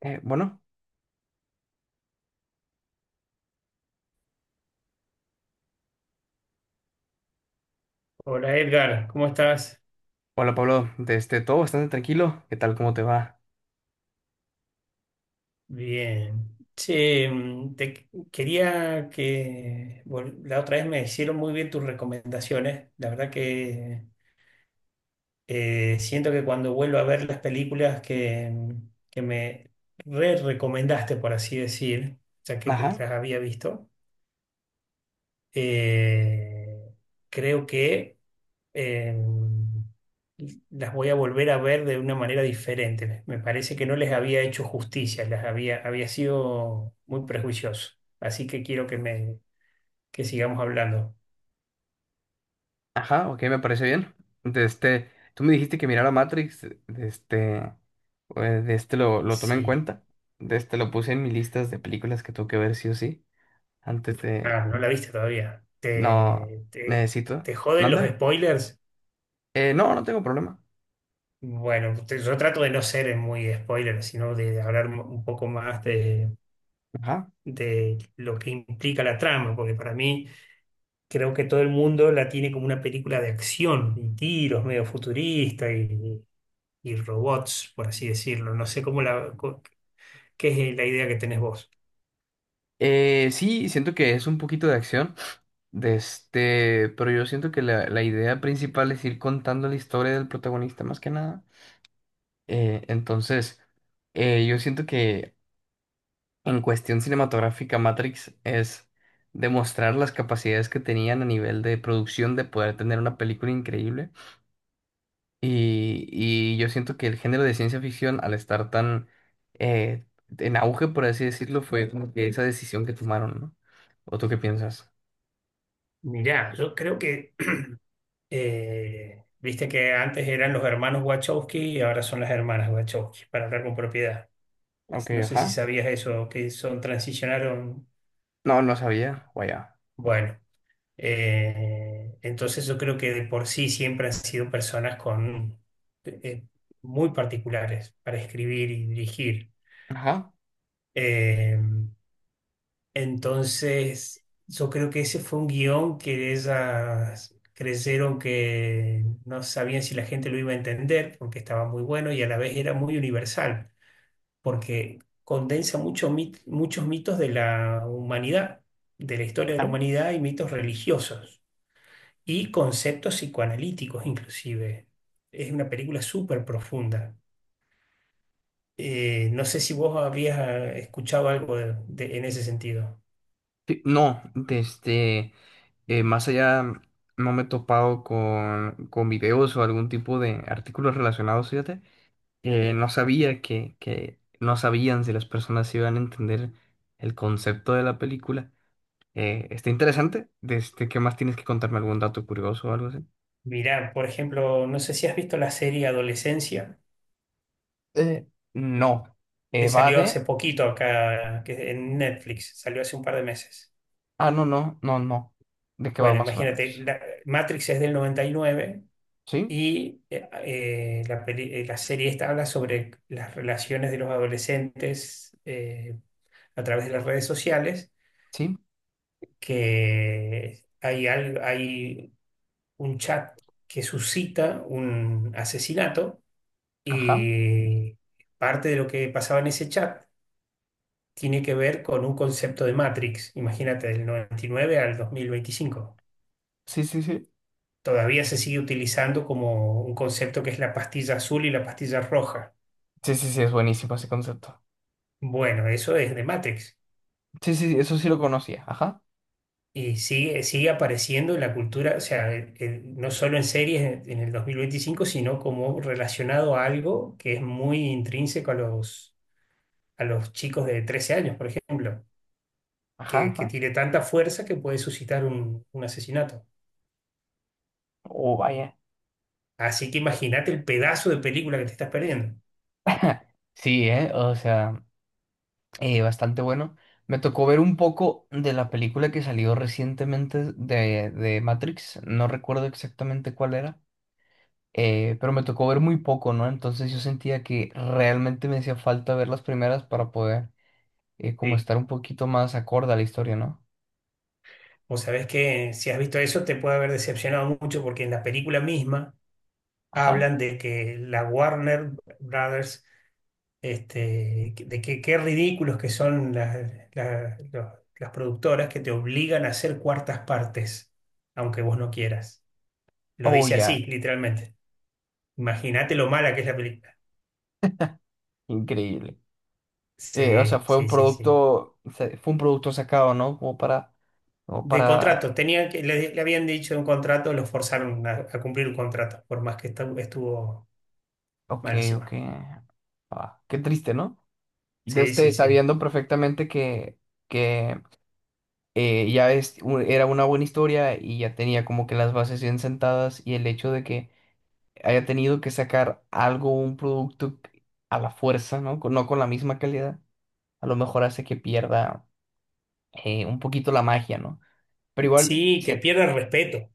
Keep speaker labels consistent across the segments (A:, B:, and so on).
A: Eh, bueno,
B: Hola Edgar, ¿cómo estás?
A: Hola Pablo, desde todo bastante tranquilo. ¿Qué tal? ¿Cómo te va?
B: Bien. Che, te quería la otra vez me hicieron muy bien tus recomendaciones. La verdad que siento que cuando vuelvo a ver las películas que me re recomendaste, por así decir, ya que
A: Ajá,
B: las había visto. eh, Creo que eh, las voy a volver a ver de una manera diferente. Me parece que no les había hecho justicia, había sido muy prejuicioso. Así que quiero que sigamos hablando.
A: ajá, ok, me parece bien. Desde, tú me dijiste que mirara Matrix, desde, desde lo tomé en
B: Sí.
A: cuenta. Desde lo puse en mis listas de películas que tengo que ver sí o sí. Antes de,
B: Ah, no la viste todavía.
A: no,
B: ¿Te, te,
A: necesito.
B: te joden los
A: ¿Mande?
B: spoilers?
A: No, no tengo problema.
B: Bueno, yo trato de no ser muy spoiler, sino de hablar un poco más de,
A: Ajá.
B: de lo que implica la trama, porque para mí creo que todo el mundo la tiene como una película de acción y tiros medio futurista y robots, por así decirlo. No sé cómo qué es la idea que tenés vos.
A: Sí, siento que es un poquito de acción. De este, pero yo siento que la idea principal es ir contando la historia del protagonista más que nada. Eh, entonces, yo siento que en cuestión cinematográfica, Matrix es demostrar las capacidades que tenían a nivel de producción de poder tener una película increíble. Y yo siento que el género de ciencia ficción, al estar tan eh, en auge, por así decirlo, fue como que esa decisión que tomaron, ¿no? ¿O tú qué piensas?
B: Mirá, yo creo que viste que antes eran los hermanos Wachowski y ahora son las hermanas Wachowski, para hablar con propiedad.
A: Ok,
B: No sé si
A: ajá.
B: sabías eso, que son, transicionaron.
A: No, no sabía. Vaya.
B: Bueno. Entonces yo creo que de por sí siempre han sido personas con eh, muy particulares para escribir y dirigir.
A: Ajá.
B: Eh, entonces yo creo que ese fue un guión que ellas creyeron que no sabían si la gente lo iba a entender porque estaba muy bueno y a la vez era muy universal porque condensa mucho muchos mitos de la humanidad, de la historia de la
A: Ajá.
B: humanidad y mitos religiosos, y conceptos psicoanalíticos inclusive. Es una película súper profunda. No sé si vos habías escuchado algo en ese sentido.
A: Sí, no, desde... más allá no me he topado con videos o algún tipo de artículos relacionados, fíjate. No sabía que no sabían si las personas iban a entender el concepto de la película. Está interesante. Este, ¿qué más tienes que contarme? ¿Algún dato curioso o algo así?
B: Mirá, por ejemplo, no sé si has visto la serie Adolescencia,
A: Eh, no,
B: que
A: Va
B: salió hace
A: de...
B: poquito acá, que en Netflix, salió hace un par de meses.
A: Ah, no, no, no, no. ¿De qué va
B: Bueno,
A: más o
B: imagínate,
A: menos?
B: Matrix es del 99 y nueve
A: ¿Sí?
B: y la serie esta habla sobre las relaciones de los adolescentes a través de las redes sociales
A: ¿Sí?
B: que hay, hay un chat que suscita un asesinato,
A: Ajá.
B: y parte de lo que pasaba en ese chat tiene que ver con un concepto de Matrix, imagínate, del 99 al 2025.
A: Sí, sí, sí.
B: Todavía se sigue utilizando como un concepto que es la pastilla azul y la pastilla roja.
A: Sí, sí, sí, es buenísimo ese concepto.
B: Bueno, eso es de Matrix.
A: Sí, sí, eso sí lo conocía. Ajá,
B: Y sigue, sigue apareciendo en la cultura, o sea, no solo en series en el 2025, sino como relacionado a algo que es muy intrínseco a los, chicos de 13 años, por ejemplo, que,
A: ajá,
B: que
A: ajá.
B: tiene tanta fuerza que puede suscitar un asesinato.
A: Oh, vaya.
B: Así que imagínate el pedazo de película que te estás perdiendo.
A: Sí, ¿eh? O sea, bastante bueno. Me tocó ver un poco de la película que salió recientemente de Matrix. No recuerdo exactamente cuál era, pero me tocó ver muy poco, ¿no? Entonces yo sentía que realmente me hacía falta ver las primeras para poder como
B: Sí.
A: estar un poquito más acorde a la historia, ¿no?
B: Vos sabés que si has visto eso te puede haber decepcionado mucho porque en la película misma
A: Ajá.
B: hablan de que la Warner Brothers, este, de que qué ridículos que son las- los- las productoras que te obligan a hacer cuartas partes, aunque vos no quieras. Lo
A: Oh,
B: dice
A: ya.
B: así, literalmente. Imagínate lo mala que es la película.
A: Increíble. O sea,
B: Sí,
A: fue un
B: sí, sí, sí.
A: producto, se- fue un producto sacado, ¿no? Como para, como
B: De
A: para
B: contrato, tenía que, le habían dicho un contrato, lo forzaron a cumplir un contrato, por más que estuvo
A: ok, ok.
B: malísima.
A: Ah, qué triste, ¿no? De
B: Sí, sí,
A: usted
B: sí.
A: sabiendo perfectamente que ya es, u- era una buena historia y ya tenía como que las bases bien sentadas y el hecho de que haya tenido que sacar algo, un producto a la fuerza, ¿no? Con- no con la misma calidad, a lo mejor hace que pierda un poquito la magia, ¿no? Pero igual,
B: Sí, que
A: sí,
B: pierde el respeto.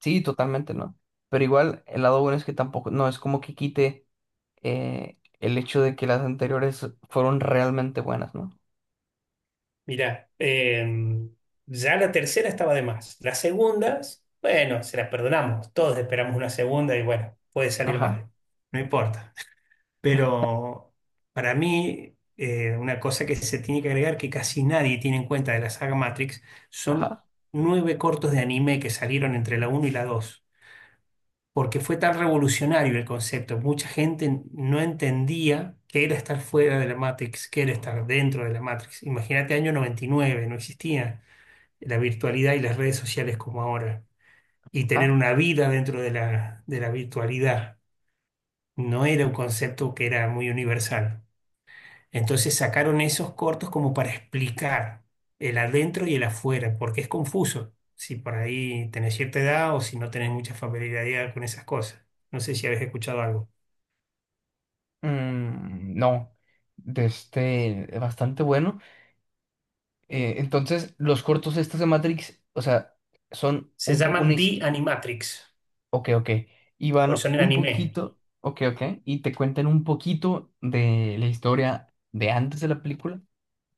A: sí, totalmente, ¿no? Pero igual, el lado bueno es que tampoco, no es como que quite. El hecho de que las anteriores fueron realmente buenas, ¿no?
B: Mirá, ya la tercera estaba de más. Las segundas, bueno, se las perdonamos. Todos esperamos una segunda y bueno, puede salir
A: Ajá,
B: mal. No importa. Pero para mí, una cosa que se tiene que agregar que casi nadie tiene en cuenta de la saga Matrix son
A: ajá,
B: nueve cortos de anime que salieron entre la uno y la 2 porque fue tan revolucionario el concepto. Mucha gente no entendía qué era estar fuera de la Matrix, qué era estar dentro de la Matrix. Imagínate, año 99 no existía la virtualidad y las redes sociales como ahora. Y tener
A: ajá.
B: una vida dentro de la virtualidad no era un concepto que era muy universal. Entonces sacaron esos cortos como para explicar el adentro y el afuera, porque es confuso si por ahí tenés cierta edad o si no tenés mucha familiaridad con esas cosas. No sé si habéis escuchado algo.
A: Mm, no, de este, bastante bueno. Entonces, los cortos estos de Matrix, o sea, son
B: Se
A: un, po- una,
B: llaman
A: his-
B: The Animatrix,
A: ok, ok, y
B: porque
A: van
B: son en el
A: un
B: anime.
A: poquito, ok, ok, y te cuentan un poquito de la historia de antes de la película,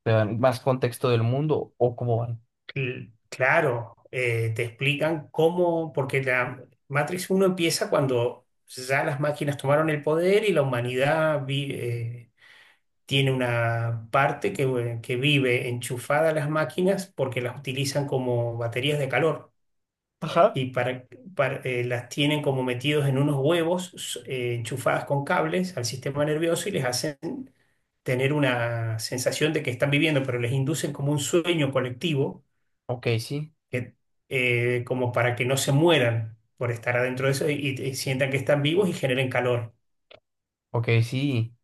A: te dan más contexto del mundo o cómo van.
B: Claro, te explican cómo, porque la Matrix uno empieza cuando ya las máquinas tomaron el poder, y la humanidad tiene una parte que vive enchufada a las máquinas porque las utilizan como baterías de calor,
A: Ajá.
B: y las tienen como metidos en unos huevos, enchufadas con cables al sistema nervioso, y les hacen tener una sensación de que están viviendo, pero les inducen como un sueño colectivo,
A: Ok, sí,
B: que, como para que no se mueran por estar adentro de eso, y sientan que están vivos y generen calor.
A: ok, sí.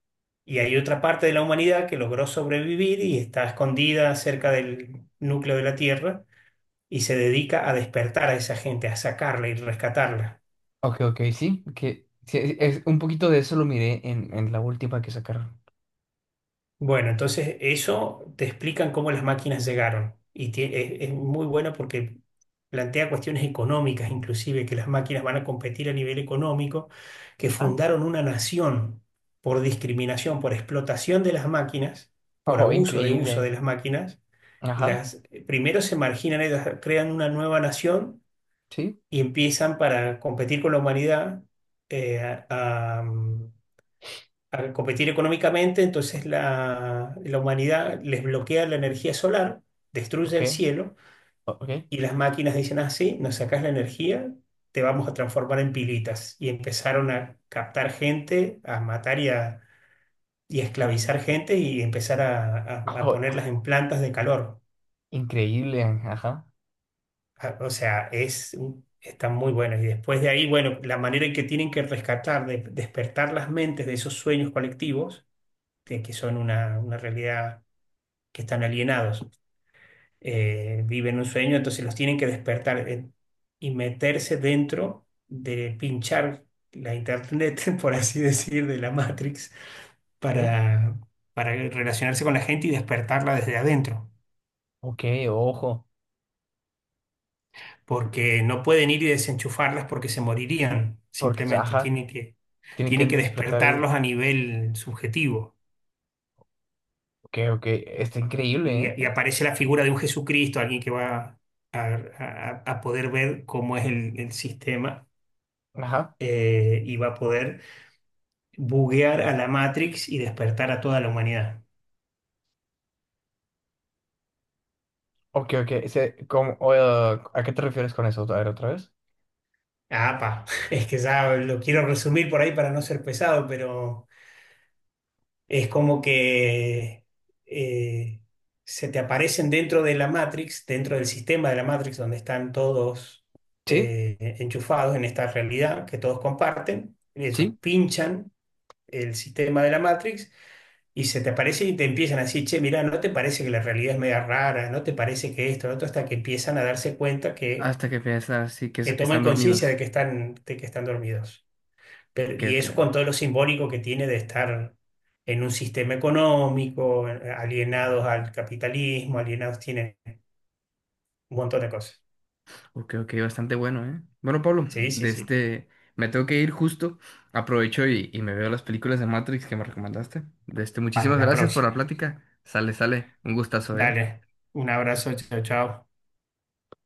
B: Y hay otra parte de la humanidad que logró sobrevivir y está escondida cerca del núcleo de la Tierra, y se dedica a despertar a esa gente, a sacarla y rescatarla.
A: Ok, ok, sí, que sí, es, un poquito de eso lo miré en la última que sacaron.
B: Bueno, entonces eso te explican, cómo las máquinas llegaron. Y es muy bueno porque plantea cuestiones económicas, inclusive que las máquinas van a competir a nivel económico, que
A: Ah,
B: fundaron una nación por discriminación, por explotación de las máquinas, por
A: oh,
B: abuso de uso de
A: increíble.
B: las máquinas.
A: Ajá,
B: Las, Primero se marginan, ellas crean una nueva nación
A: sí,
B: y empiezan para competir con la humanidad, eh, a, al competir económicamente. Entonces la humanidad les bloquea la energía solar, destruye
A: ok,
B: el cielo,
A: o- ok.
B: y las máquinas dicen así, nos sacás la energía, te vamos a transformar en pilitas. Y empezaron a captar gente, a matar y a esclavizar gente, y empezar a
A: Oh,
B: ponerlas en plantas de calor.
A: increíble, ajá,
B: O sea, están muy buenas. Y después de ahí, bueno, la manera en que tienen que rescatar, despertar las mentes de esos sueños colectivos, de que son una realidad, que están alienados, viven un sueño, entonces los tienen que despertar, y meterse dentro de, pinchar la internet, por así decir, de la Matrix,
A: ok,
B: para, para relacionarse con la gente y despertarla desde adentro,
A: ok, ojo,
B: porque no pueden ir y desenchufarlas porque se morirían,
A: porque,
B: simplemente
A: ajá,
B: tienen que,
A: tienen que
B: tienen que
A: despertar el...
B: despertarlos a nivel subjetivo.
A: Ok, ok,
B: Y,
A: está
B: y-
A: increíble,
B: y
A: ¿eh?
B: aparece la figura de un Jesucristo, alguien que va... A, a poder ver cómo es el sistema,
A: Ajá,
B: y va a poder buguear a la Matrix y despertar a toda la humanidad.
A: ok, ok, ese, como, o, ¿a qué te refieres con eso? A ver, otra vez.
B: Ah, pa. Es que ya lo quiero resumir por ahí para no ser pesado, pero es como que eh, se te aparecen dentro de la Matrix, dentro del sistema de la Matrix, donde están todos
A: Sí,
B: enchufados en esta realidad que todos comparten. Ellos
A: sí.
B: pinchan el sistema de la Matrix, y se te aparece y te empiezan a decir, che, mirá, ¿no te parece que la realidad es media rara? ¿No te parece que esto, lo otro? Hasta que empiezan a darse cuenta que,
A: Hasta que piensas así que es-
B: que toman
A: están dormidos.
B: conciencia de que están, dormidos. Pero,
A: Ok,
B: y
A: ok.
B: eso con todo lo simbólico que tiene, de estar en un sistema económico, alienados al capitalismo, alienados, tienen un montón de cosas.
A: Ok, ok, bastante bueno, ¿eh? Bueno, Pablo,
B: Sí, sí,
A: de
B: sí.
A: este, me tengo que ir justo. Aprovecho y me veo las películas de Matrix que me recomendaste. De este,
B: Para
A: muchísimas
B: la
A: gracias por la
B: próxima.
A: plática. Sale, sale. Un gustazo, ¿eh?
B: Dale. Un abrazo, chao, chao.